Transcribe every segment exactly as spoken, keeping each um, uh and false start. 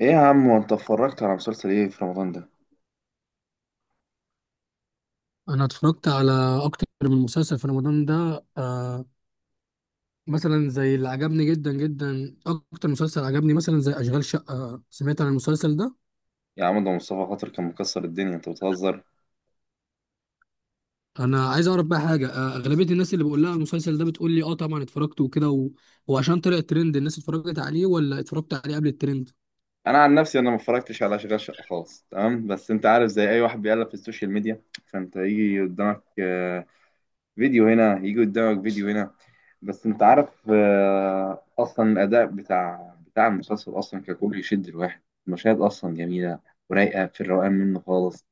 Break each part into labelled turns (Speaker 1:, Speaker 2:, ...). Speaker 1: ايه يا عم، وانت اتفرجت على مسلسل ايه في رمضان ده؟
Speaker 2: انا اتفرجت على اكتر من مسلسل في رمضان ده، آه مثلا زي اللي عجبني جدا جدا. اكتر مسلسل عجبني مثلا زي اشغال شقة. سمعت عن المسلسل ده؟
Speaker 1: يا عم، ده مصطفى خاطر كان مكسر الدنيا، انت بتهزر.
Speaker 2: انا عايز اعرف بقى حاجة، آه اغلبية الناس اللي بقول لها المسلسل ده بتقول لي اه طبعا اتفرجت وكده و... وعشان طلع ترند الناس اتفرجت عليه ولا اتفرجت عليه قبل الترند؟
Speaker 1: انا عن نفسي انا ما اتفرجتش على اشغال شقه خالص، تمام؟ بس انت عارف زي اي واحد بيقلب في السوشيال ميديا، فانت يجي قدامك آه، فيديو هنا، يجي قدامك فيديو هنا. بس انت عارف، آه، اصلا الاداء بتاع بتاع المسلسل اصلا ككل يشد الواحد. المشاهد اصلا جميله ورايقه، في الروقان منه خالص.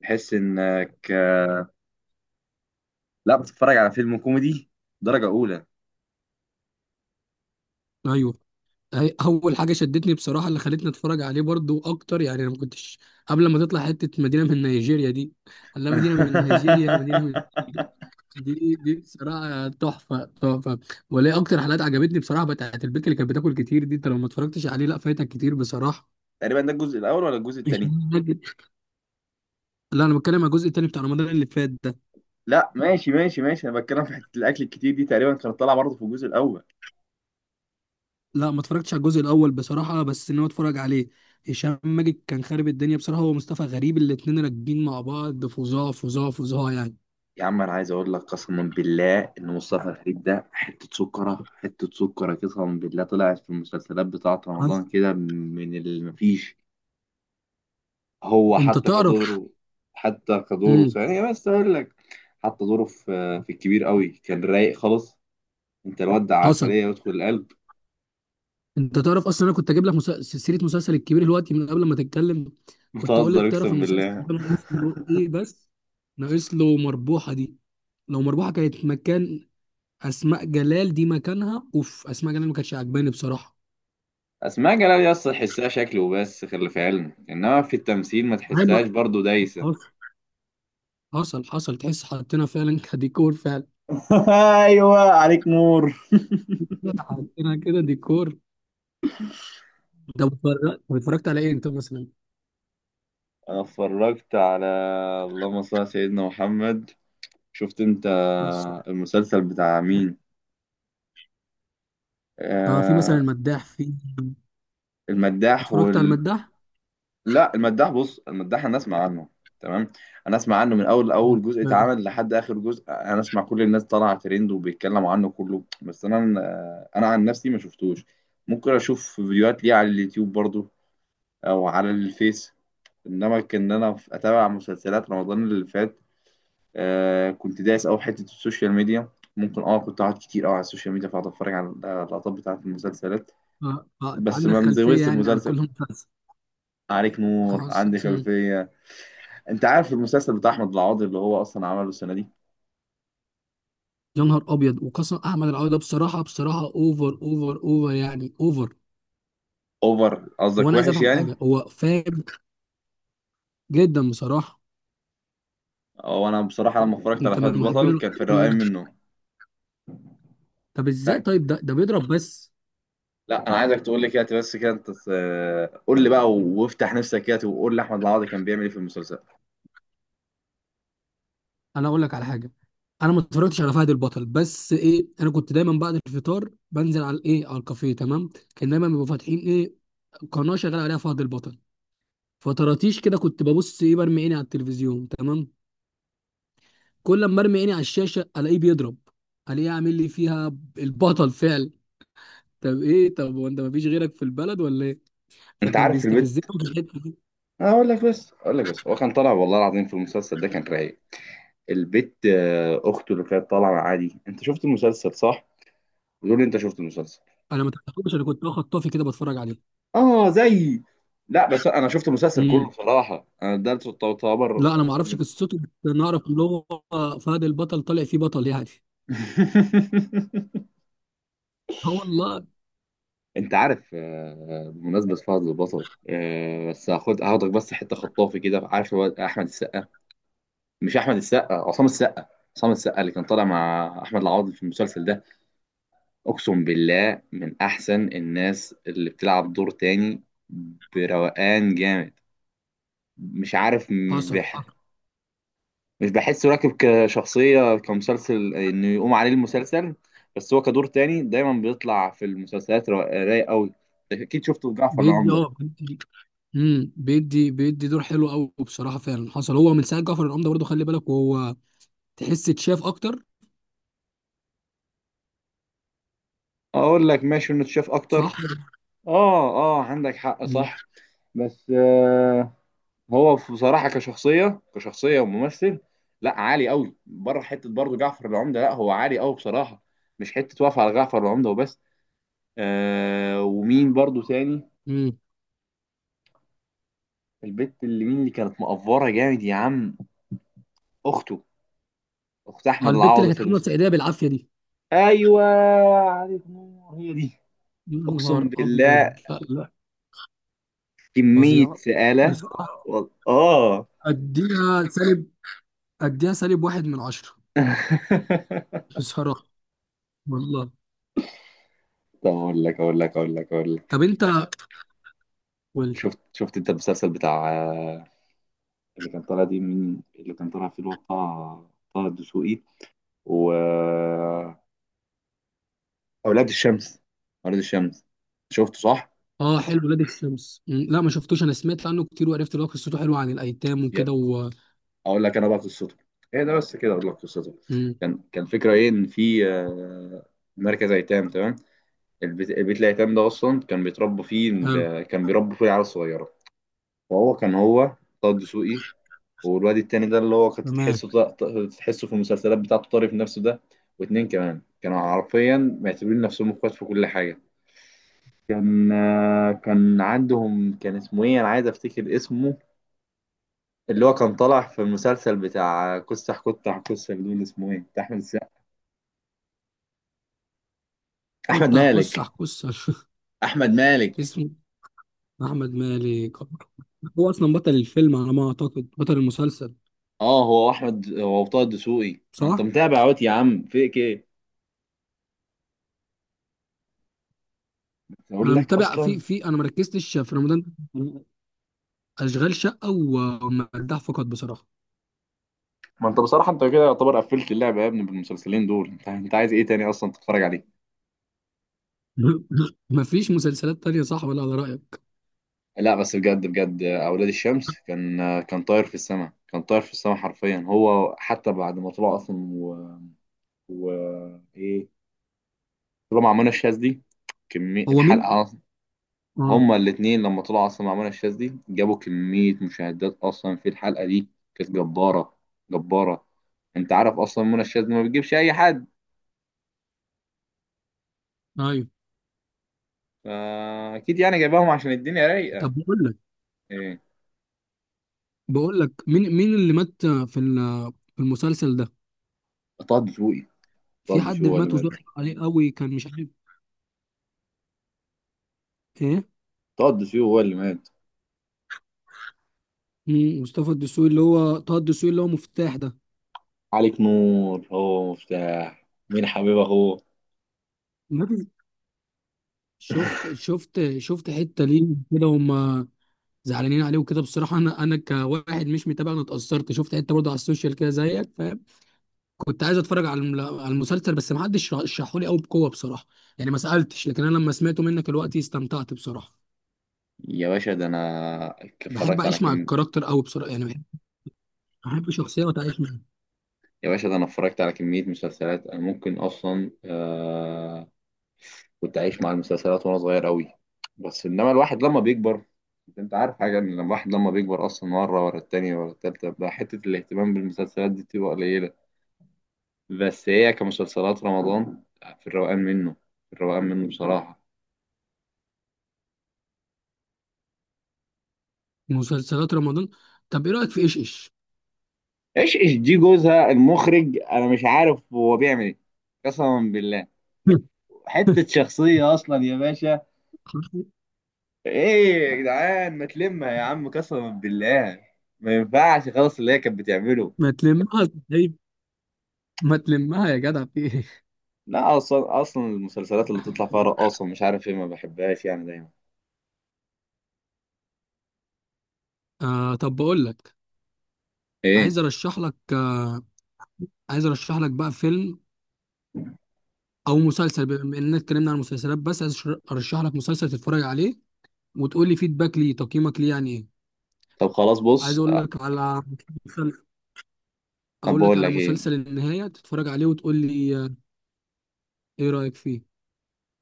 Speaker 1: تحس انك، آه، لا، بتتفرج على فيلم كوميدي درجه اولى.
Speaker 2: ايوه. هي- اول حاجة شدتني بصراحة اللي خلتني اتفرج عليه برضو اكتر، يعني انا ما كنتش قبل ما تطلع حتة مدينة من نيجيريا دي. لا مدينة من نيجيريا، مدينة من... دي دي بصراحة تحفة تحفة. وليه أكتر حلقات عجبتني بصراحة بتاعت البنت اللي كانت بتاكل كتير دي. أنت لو ما اتفرجتش عليه لا، فايتك كتير بصراحة.
Speaker 1: تقريبا ده الجزء الاول ولا الجزء
Speaker 2: مش
Speaker 1: الثاني؟
Speaker 2: فاكر. لا، أنا بتكلم على الجزء التاني بتاع رمضان اللي فات ده.
Speaker 1: لا ماشي ماشي ماشي، انا بتكلم في حته الاكل الكتير دي، تقريبا كانت طالعه برضه في الجزء الاول.
Speaker 2: لا، ما اتفرجتش على الجزء الأول بصراحة، بس إن هو اتفرج عليه. هشام ماجد كان خارب الدنيا بصراحة، هو مصطفى غريب، الاتنين راكبين مع بعض فظاع فظاع فظاع يعني.
Speaker 1: يا عم انا عايز اقول لك، قسما بالله ان مصطفى غريب ده حته سكره، حته سكره. قسما بالله طلعت في المسلسلات بتاعه
Speaker 2: حصل.
Speaker 1: رمضان كده من اللي مفيش. هو
Speaker 2: أنت
Speaker 1: حتى
Speaker 2: تعرف؟
Speaker 1: كدوره، حتى كدوره
Speaker 2: امم
Speaker 1: ثانيه، بس اقول لك، حتى دوره في في الكبير قوي كان رايق خالص. انت الواد ده
Speaker 2: حصل.
Speaker 1: عسليه، يدخل القلب.
Speaker 2: انت تعرف اصلا انا كنت اجيب لك مسل... سيره مسلسل الكبير دلوقتي من قبل ما تتكلم. كنت اقول
Speaker 1: بتهزر،
Speaker 2: لك، تعرف
Speaker 1: اقسم
Speaker 2: المسلسل
Speaker 1: بالله.
Speaker 2: ده ناقص له ايه بس؟ ناقص له مربوحه دي. لو مربوحه كانت مكان اسماء جلال، دي مكانها اوف. اسماء جلال ما كانتش عجباني بصراحه.
Speaker 1: اسماء جلال يا اسطى تحسها شكل وبس، خلي في علمك انما في التمثيل ما
Speaker 2: هاي ما.
Speaker 1: تحسهاش برضو دايسه.
Speaker 2: حصل. حصل. حصل. تحس حطينا فعلا كديكور، فعلا
Speaker 1: ايوه، عليك نور.
Speaker 2: حطينا كده ديكور. ده اتفرجت اتفرجت على ايه انت مثلا؟
Speaker 1: انا اتفرجت على اللهم صل على سيدنا محمد. شفت انت
Speaker 2: بص.
Speaker 1: المسلسل بتاع مين؟
Speaker 2: اه، في مثلا
Speaker 1: آه،
Speaker 2: المداح. في
Speaker 1: المداح
Speaker 2: اتفرجت على
Speaker 1: وال...
Speaker 2: المداح.
Speaker 1: لا، المداح بص، المداح انا اسمع عنه، تمام؟ انا اسمع عنه من اول
Speaker 2: مم.
Speaker 1: اول جزء
Speaker 2: آه.
Speaker 1: اتعمل لحد اخر جزء، انا اسمع كل الناس طالعه ترند وبيتكلموا عنه كله، بس انا انا عن نفسي ما شفتوش. ممكن اشوف فيديوهات ليه على اليوتيوب برضو، او على الفيس، انما كان انا في- اتابع مسلسلات رمضان اللي فات. آه كنت دايس قوي في حته السوشيال ميديا، ممكن اه كنت قاعد كتير قوي على السوشيال ميديا، فقعد اتفرج على اللقطات بتاعت المسلسلات،
Speaker 2: آه. آه.
Speaker 1: بس
Speaker 2: عندك
Speaker 1: ما
Speaker 2: خلفيه
Speaker 1: مزودش في
Speaker 2: يعني عن
Speaker 1: مسلسل.
Speaker 2: كل مسلسل؟
Speaker 1: عليك نور،
Speaker 2: حصل.
Speaker 1: عندي
Speaker 2: مم.
Speaker 1: خلفيه. انت عارف المسلسل بتاع احمد العوضي اللي هو اصلا عمله السنه دي؟
Speaker 2: يا نهار ابيض، وقسم احمد العوضي ده بصراحه بصراحه اوفر اوفر اوفر، يعني اوفر.
Speaker 1: اوفر
Speaker 2: هو
Speaker 1: قصدك
Speaker 2: انا عايز
Speaker 1: وحش
Speaker 2: افهم
Speaker 1: يعني؟
Speaker 2: حاجه، هو فاهم جدا بصراحه.
Speaker 1: هو انا بصراحه لما اتفرجت على
Speaker 2: انت
Speaker 1: فهد
Speaker 2: من محبين
Speaker 1: البطل كان
Speaker 2: الكورة
Speaker 1: في
Speaker 2: ولا إيه؟
Speaker 1: الروقان منه.
Speaker 2: طب ازاي
Speaker 1: لا،
Speaker 2: طيب؟ ده ده بيضرب بس.
Speaker 1: لا، انا عايزك تقول لي كده، بس كده انت ت- قول لي بقى وافتح نفسك كده، وقول لي احمد العوضي كان بيعمل ايه في المسلسل.
Speaker 2: انا اقول لك على حاجه، انا ما اتفرجتش على فهد البطل، بس ايه، انا كنت دايما بعد الفطار بنزل على الايه، على الكافيه تمام. كان دايما بيبقوا فاتحين ايه، قناه شغال عليها فهد البطل. فطراتيش كده كنت ببص ايه، برمي عيني على التلفزيون تمام. كل لما ارمي عيني على الشاشه الاقيه بيضرب، الاقيه عامل لي فيها البطل فعل. طب ايه، طب وانت ما فيش غيرك في البلد ولا ايه؟
Speaker 1: انت
Speaker 2: فكان
Speaker 1: عارف في
Speaker 2: بيستفزني
Speaker 1: البيت،
Speaker 2: في الحته دي.
Speaker 1: اقول لك بس، اقول لك بس، هو كان طالع والله العظيم في المسلسل ده كان رايق. البيت آه، اخته اللي كانت طالعه مع عادي، انت شفت المسلسل صح؟ بتقول لي انت شفت المسلسل؟
Speaker 2: انا ما تعرفوش، انا كنت واخد طافي كده بتفرج عليه.
Speaker 1: اه زي، لا بس انا شفت المسلسل كله
Speaker 2: امم.
Speaker 1: بصراحه، انا ده تعتبر
Speaker 2: لا، انا ما اعرفش
Speaker 1: اصلا.
Speaker 2: قصته، بس انا اعرف ان هو فهد البطل طالع فيه بطل يعني. اه والله.
Speaker 1: انت عارف، آه، بمناسبة فهد البطل، آه، بس هاخد هاخدك بس حتة خطافي كده، عارف هو احمد السقا، مش احمد السقا، عصام السقا. عصام السقا اللي كان طالع مع احمد العوضي في المسلسل ده، اقسم بالله من احسن الناس اللي بتلعب دور تاني، بروقان جامد. مش عارف، مش
Speaker 2: حصل.
Speaker 1: بيح...
Speaker 2: حصل.
Speaker 1: مش بحسه راكب كشخصية كمسلسل إنه يقوم عليه المسلسل، بس هو كدور تاني دايما بيطلع في المسلسلات را- رايق قوي. أكيد شفته في جعفر
Speaker 2: بيدي،
Speaker 1: العمدة.
Speaker 2: اه، بيدي. امم بيدي بيدي دور حلو قوي بصراحه فعلا. حصل. هو من ساعه جعفر العمده برضه خلي بالك، وهو تحس اتشاف اكتر.
Speaker 1: أقول لك ماشي إنه اتشاف
Speaker 2: صح.
Speaker 1: أكتر. آه آه، عندك حق،
Speaker 2: امم
Speaker 1: صح. بس آه، هو بصراحة كشخصية، كشخصية وممثل، لا عالي قوي، بره حتة برضه جعفر العمدة، لا هو عالي قوي بصراحة، مش حتة واقفة على جعفر العمدة وبس. آه، ومين برضه تاني؟
Speaker 2: امم
Speaker 1: البت اللي مين اللي كانت مقفرة جامد يا عم، أخته، اخت
Speaker 2: اه،
Speaker 1: احمد
Speaker 2: البت اللي
Speaker 1: العوضي
Speaker 2: كانت
Speaker 1: في
Speaker 2: عامله
Speaker 1: المسلسل.
Speaker 2: سعيديه بالعافيه دي.
Speaker 1: ايوه، عليك نور، هي دي.
Speaker 2: يا
Speaker 1: اقسم
Speaker 2: نهار ابيض،
Speaker 1: بالله
Speaker 2: لا لا،
Speaker 1: كميه
Speaker 2: فظيعه
Speaker 1: سآلة،
Speaker 2: بصراحه.
Speaker 1: وال- اه.
Speaker 2: اديها سالب، اديها سالب واحد من عشره بصراحه والله.
Speaker 1: طب اقول لك اقول لك اقول لك اقول لك،
Speaker 2: طب انت، قول لي.
Speaker 1: شفت، شفت انت المسلسل بتاع آه، اللي كان طالع دي، من اللي كان طالع فيه الواد طه، طه الدسوقي، و آه، اولاد الشمس، اولاد الشمس شفته صح؟
Speaker 2: اه، حلو ولاد الشمس. مم، لا ما شفتوش. انا سمعت عنه كتير وعرفت ان هو قصته حلوه عن الايتام
Speaker 1: يا،
Speaker 2: وكده و...
Speaker 1: اقول لك انا بقى قصته ايه ده. بس كده اقول لك قصته،
Speaker 2: مم.
Speaker 1: كان، كان فكره ايه ان في آه، مركز ايتام، تمام؟ البيت، البيت الأيتام ده أصلا كان بيتربى فيه
Speaker 2: حلو.
Speaker 1: ال- كان بيربوا فيه العيال الصغيرة. وهو كان هو طه دسوقي، والواد التاني ده اللي هو كنت
Speaker 2: تمام.
Speaker 1: تحسه ط- ط- تحسه في المسلسلات بتاعته طارق في نفسه ده. واتنين كمان كانوا حرفيا معتبرين نفسهم اخوات في كل حاجة. كان آه، كان عندهم، كان اسمه ايه، انا عايز افتكر اسمه، اللي هو كان طالع في المسلسل بتاع كسح كتح كسح دول، اسمه ايه بتاع احمد السقا؟ احمد
Speaker 2: كنت هكس
Speaker 1: مالك،
Speaker 2: هكس.
Speaker 1: احمد مالك.
Speaker 2: اسمه احمد مالك. هو اصلا بطل الفيلم على ما اعتقد، بطل المسلسل.
Speaker 1: اه هو احمد، هو طه دسوقي، ما انت
Speaker 2: صح.
Speaker 1: متابع اهوت يا عم، فيك ايه؟ اقول
Speaker 2: انا
Speaker 1: لك
Speaker 2: متابع في
Speaker 1: اصلا،
Speaker 2: في انا ما ركزتش في رمضان، اشغال شقه و- والمداح فقط بصراحه.
Speaker 1: ما انت بصراحه انت كده يعتبر قفلت اللعبه يا ابني بالمسلسلين دول، انت انت عايز ايه تاني اصلا تتفرج عليه؟
Speaker 2: مفيش مسلسلات تانية، صح؟ ولا على رأيك.
Speaker 1: لا بس بجد بجد، اولاد الشمس كان، كان طاير في السماء، كان طاير في السماء حرفيا. هو حتى بعد ما طلع اصلا و، و... ايه، طلع مع منى الشاذ دي، كميه
Speaker 2: هو مين؟
Speaker 1: الحلقه اصلا.
Speaker 2: اه.
Speaker 1: هما الاتنين لما طلعوا اصلا مع منى الشاذ دي جابوا كميه مشاهدات اصلا في الحلقه دي، كانت جباره، جباره. انت عارف اصلا منى الشاذ دي ما بتجيبش اي حد،
Speaker 2: ايوه.
Speaker 1: فاكيد يعني جايباهم عشان الدنيا رايقه.
Speaker 2: طب بقول لك
Speaker 1: ايه،
Speaker 2: بقول لك مين مين اللي مات في ال- في المسلسل ده؟
Speaker 1: طه دسوقي. طه
Speaker 2: في حد
Speaker 1: دسوقي هو اللي
Speaker 2: مات
Speaker 1: مات.
Speaker 2: وزعل عليه قوي، كان مش عارف ايه.
Speaker 1: طه دسوقي هو اللي مات.
Speaker 2: مم، مصطفى الدسوقي اللي هو طه الدسوقي اللي هو مفتاح ده.
Speaker 1: عليك نور، هو مفتاح، مين حبيبه هو.
Speaker 2: مات. شفت، شفت، شفت حتة ليه كده؟ هم زعلانين عليه وكده بصراحة. انا انا كواحد مش متابع، انا اتأثرت. شفت حتة برضه على السوشيال كده زيك. كنت عايز اتفرج على الم- على المسلسل، بس ما حدش رشحه لي قوي بقوه بصراحه، يعني ما سالتش. لكن انا لما سمعته منك دلوقتي استمتعت بصراحه.
Speaker 1: يا باشا ده انا
Speaker 2: بحب
Speaker 1: اتفرجت على
Speaker 2: اعيش مع
Speaker 1: كم.
Speaker 2: الكاركتر قوي بصراحه، يعني بحب احب شخصيه وتعيش معاها.
Speaker 1: يا باشا ده انا اتفرجت على كمية مسلسلات، انا ممكن اصلا آه... كنت عايش مع المسلسلات وانا صغير قوي، بس انما الواحد لما بيكبر، انت عارف حاجة ان الواحد لما بيكبر اصلا مرة ورا التانية ورا التالتة، بقى حتة الاهتمام بالمسلسلات دي بتبقى قليلة. بس هي كمسلسلات رمضان، في الروقان منه، في الروقان منه بصراحة.
Speaker 2: مسلسلات رمضان. طب ايه رايك في ايش ايش؟
Speaker 1: ايش ايش دي جوزها المخرج، انا مش عارف هو بيعمل ايه. قسما بالله حتة شخصية اصلا يا باشا. ايه يا جدعان، ما تلمها يا عم، قسما بالله ما ينفعش خالص اللي هي كانت بتعمله.
Speaker 2: ما تلمها طيب. ما تلمها يا جدع، في ايه!
Speaker 1: لا اصلا، اصلا المسلسلات اللي تطلع فيها رقاصة مش عارف ايه ما بحبهاش يعني دايما.
Speaker 2: آه، طب بقول لك،
Speaker 1: ايه،
Speaker 2: عايز ارشح لك آه، عايز ارشح لك بقى فيلم او مسلسل. بما اننا اتكلمنا عن المسلسلات، بس عايز أشر- ارشح لك مسلسل تتفرج عليه وتقول لي فيدباك ليه، تقييمك ليه يعني ايه.
Speaker 1: طب خلاص
Speaker 2: عايز
Speaker 1: بص
Speaker 2: اقول
Speaker 1: أه،
Speaker 2: لك على مسلسل،
Speaker 1: طب
Speaker 2: اقول لك
Speaker 1: بقول
Speaker 2: على
Speaker 1: لك
Speaker 2: مسلسل
Speaker 1: ايه.
Speaker 2: النهاية، تتفرج عليه وتقول لي آه، ايه رأيك فيه.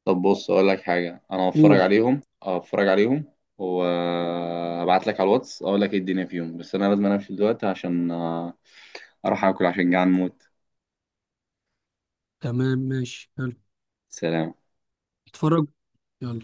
Speaker 1: طب بص اقول لك حاجه، انا هتفرج
Speaker 2: قول.
Speaker 1: عليهم، هتفرج عليهم، وابعت لك على الواتس اقول لك ايه الدنيا فيهم، بس انا لازم انام دلوقتي عشان آه، اروح اكل عشان جعان موت.
Speaker 2: تمام ماشي، يلا.
Speaker 1: سلام.
Speaker 2: اتفرج. يلا.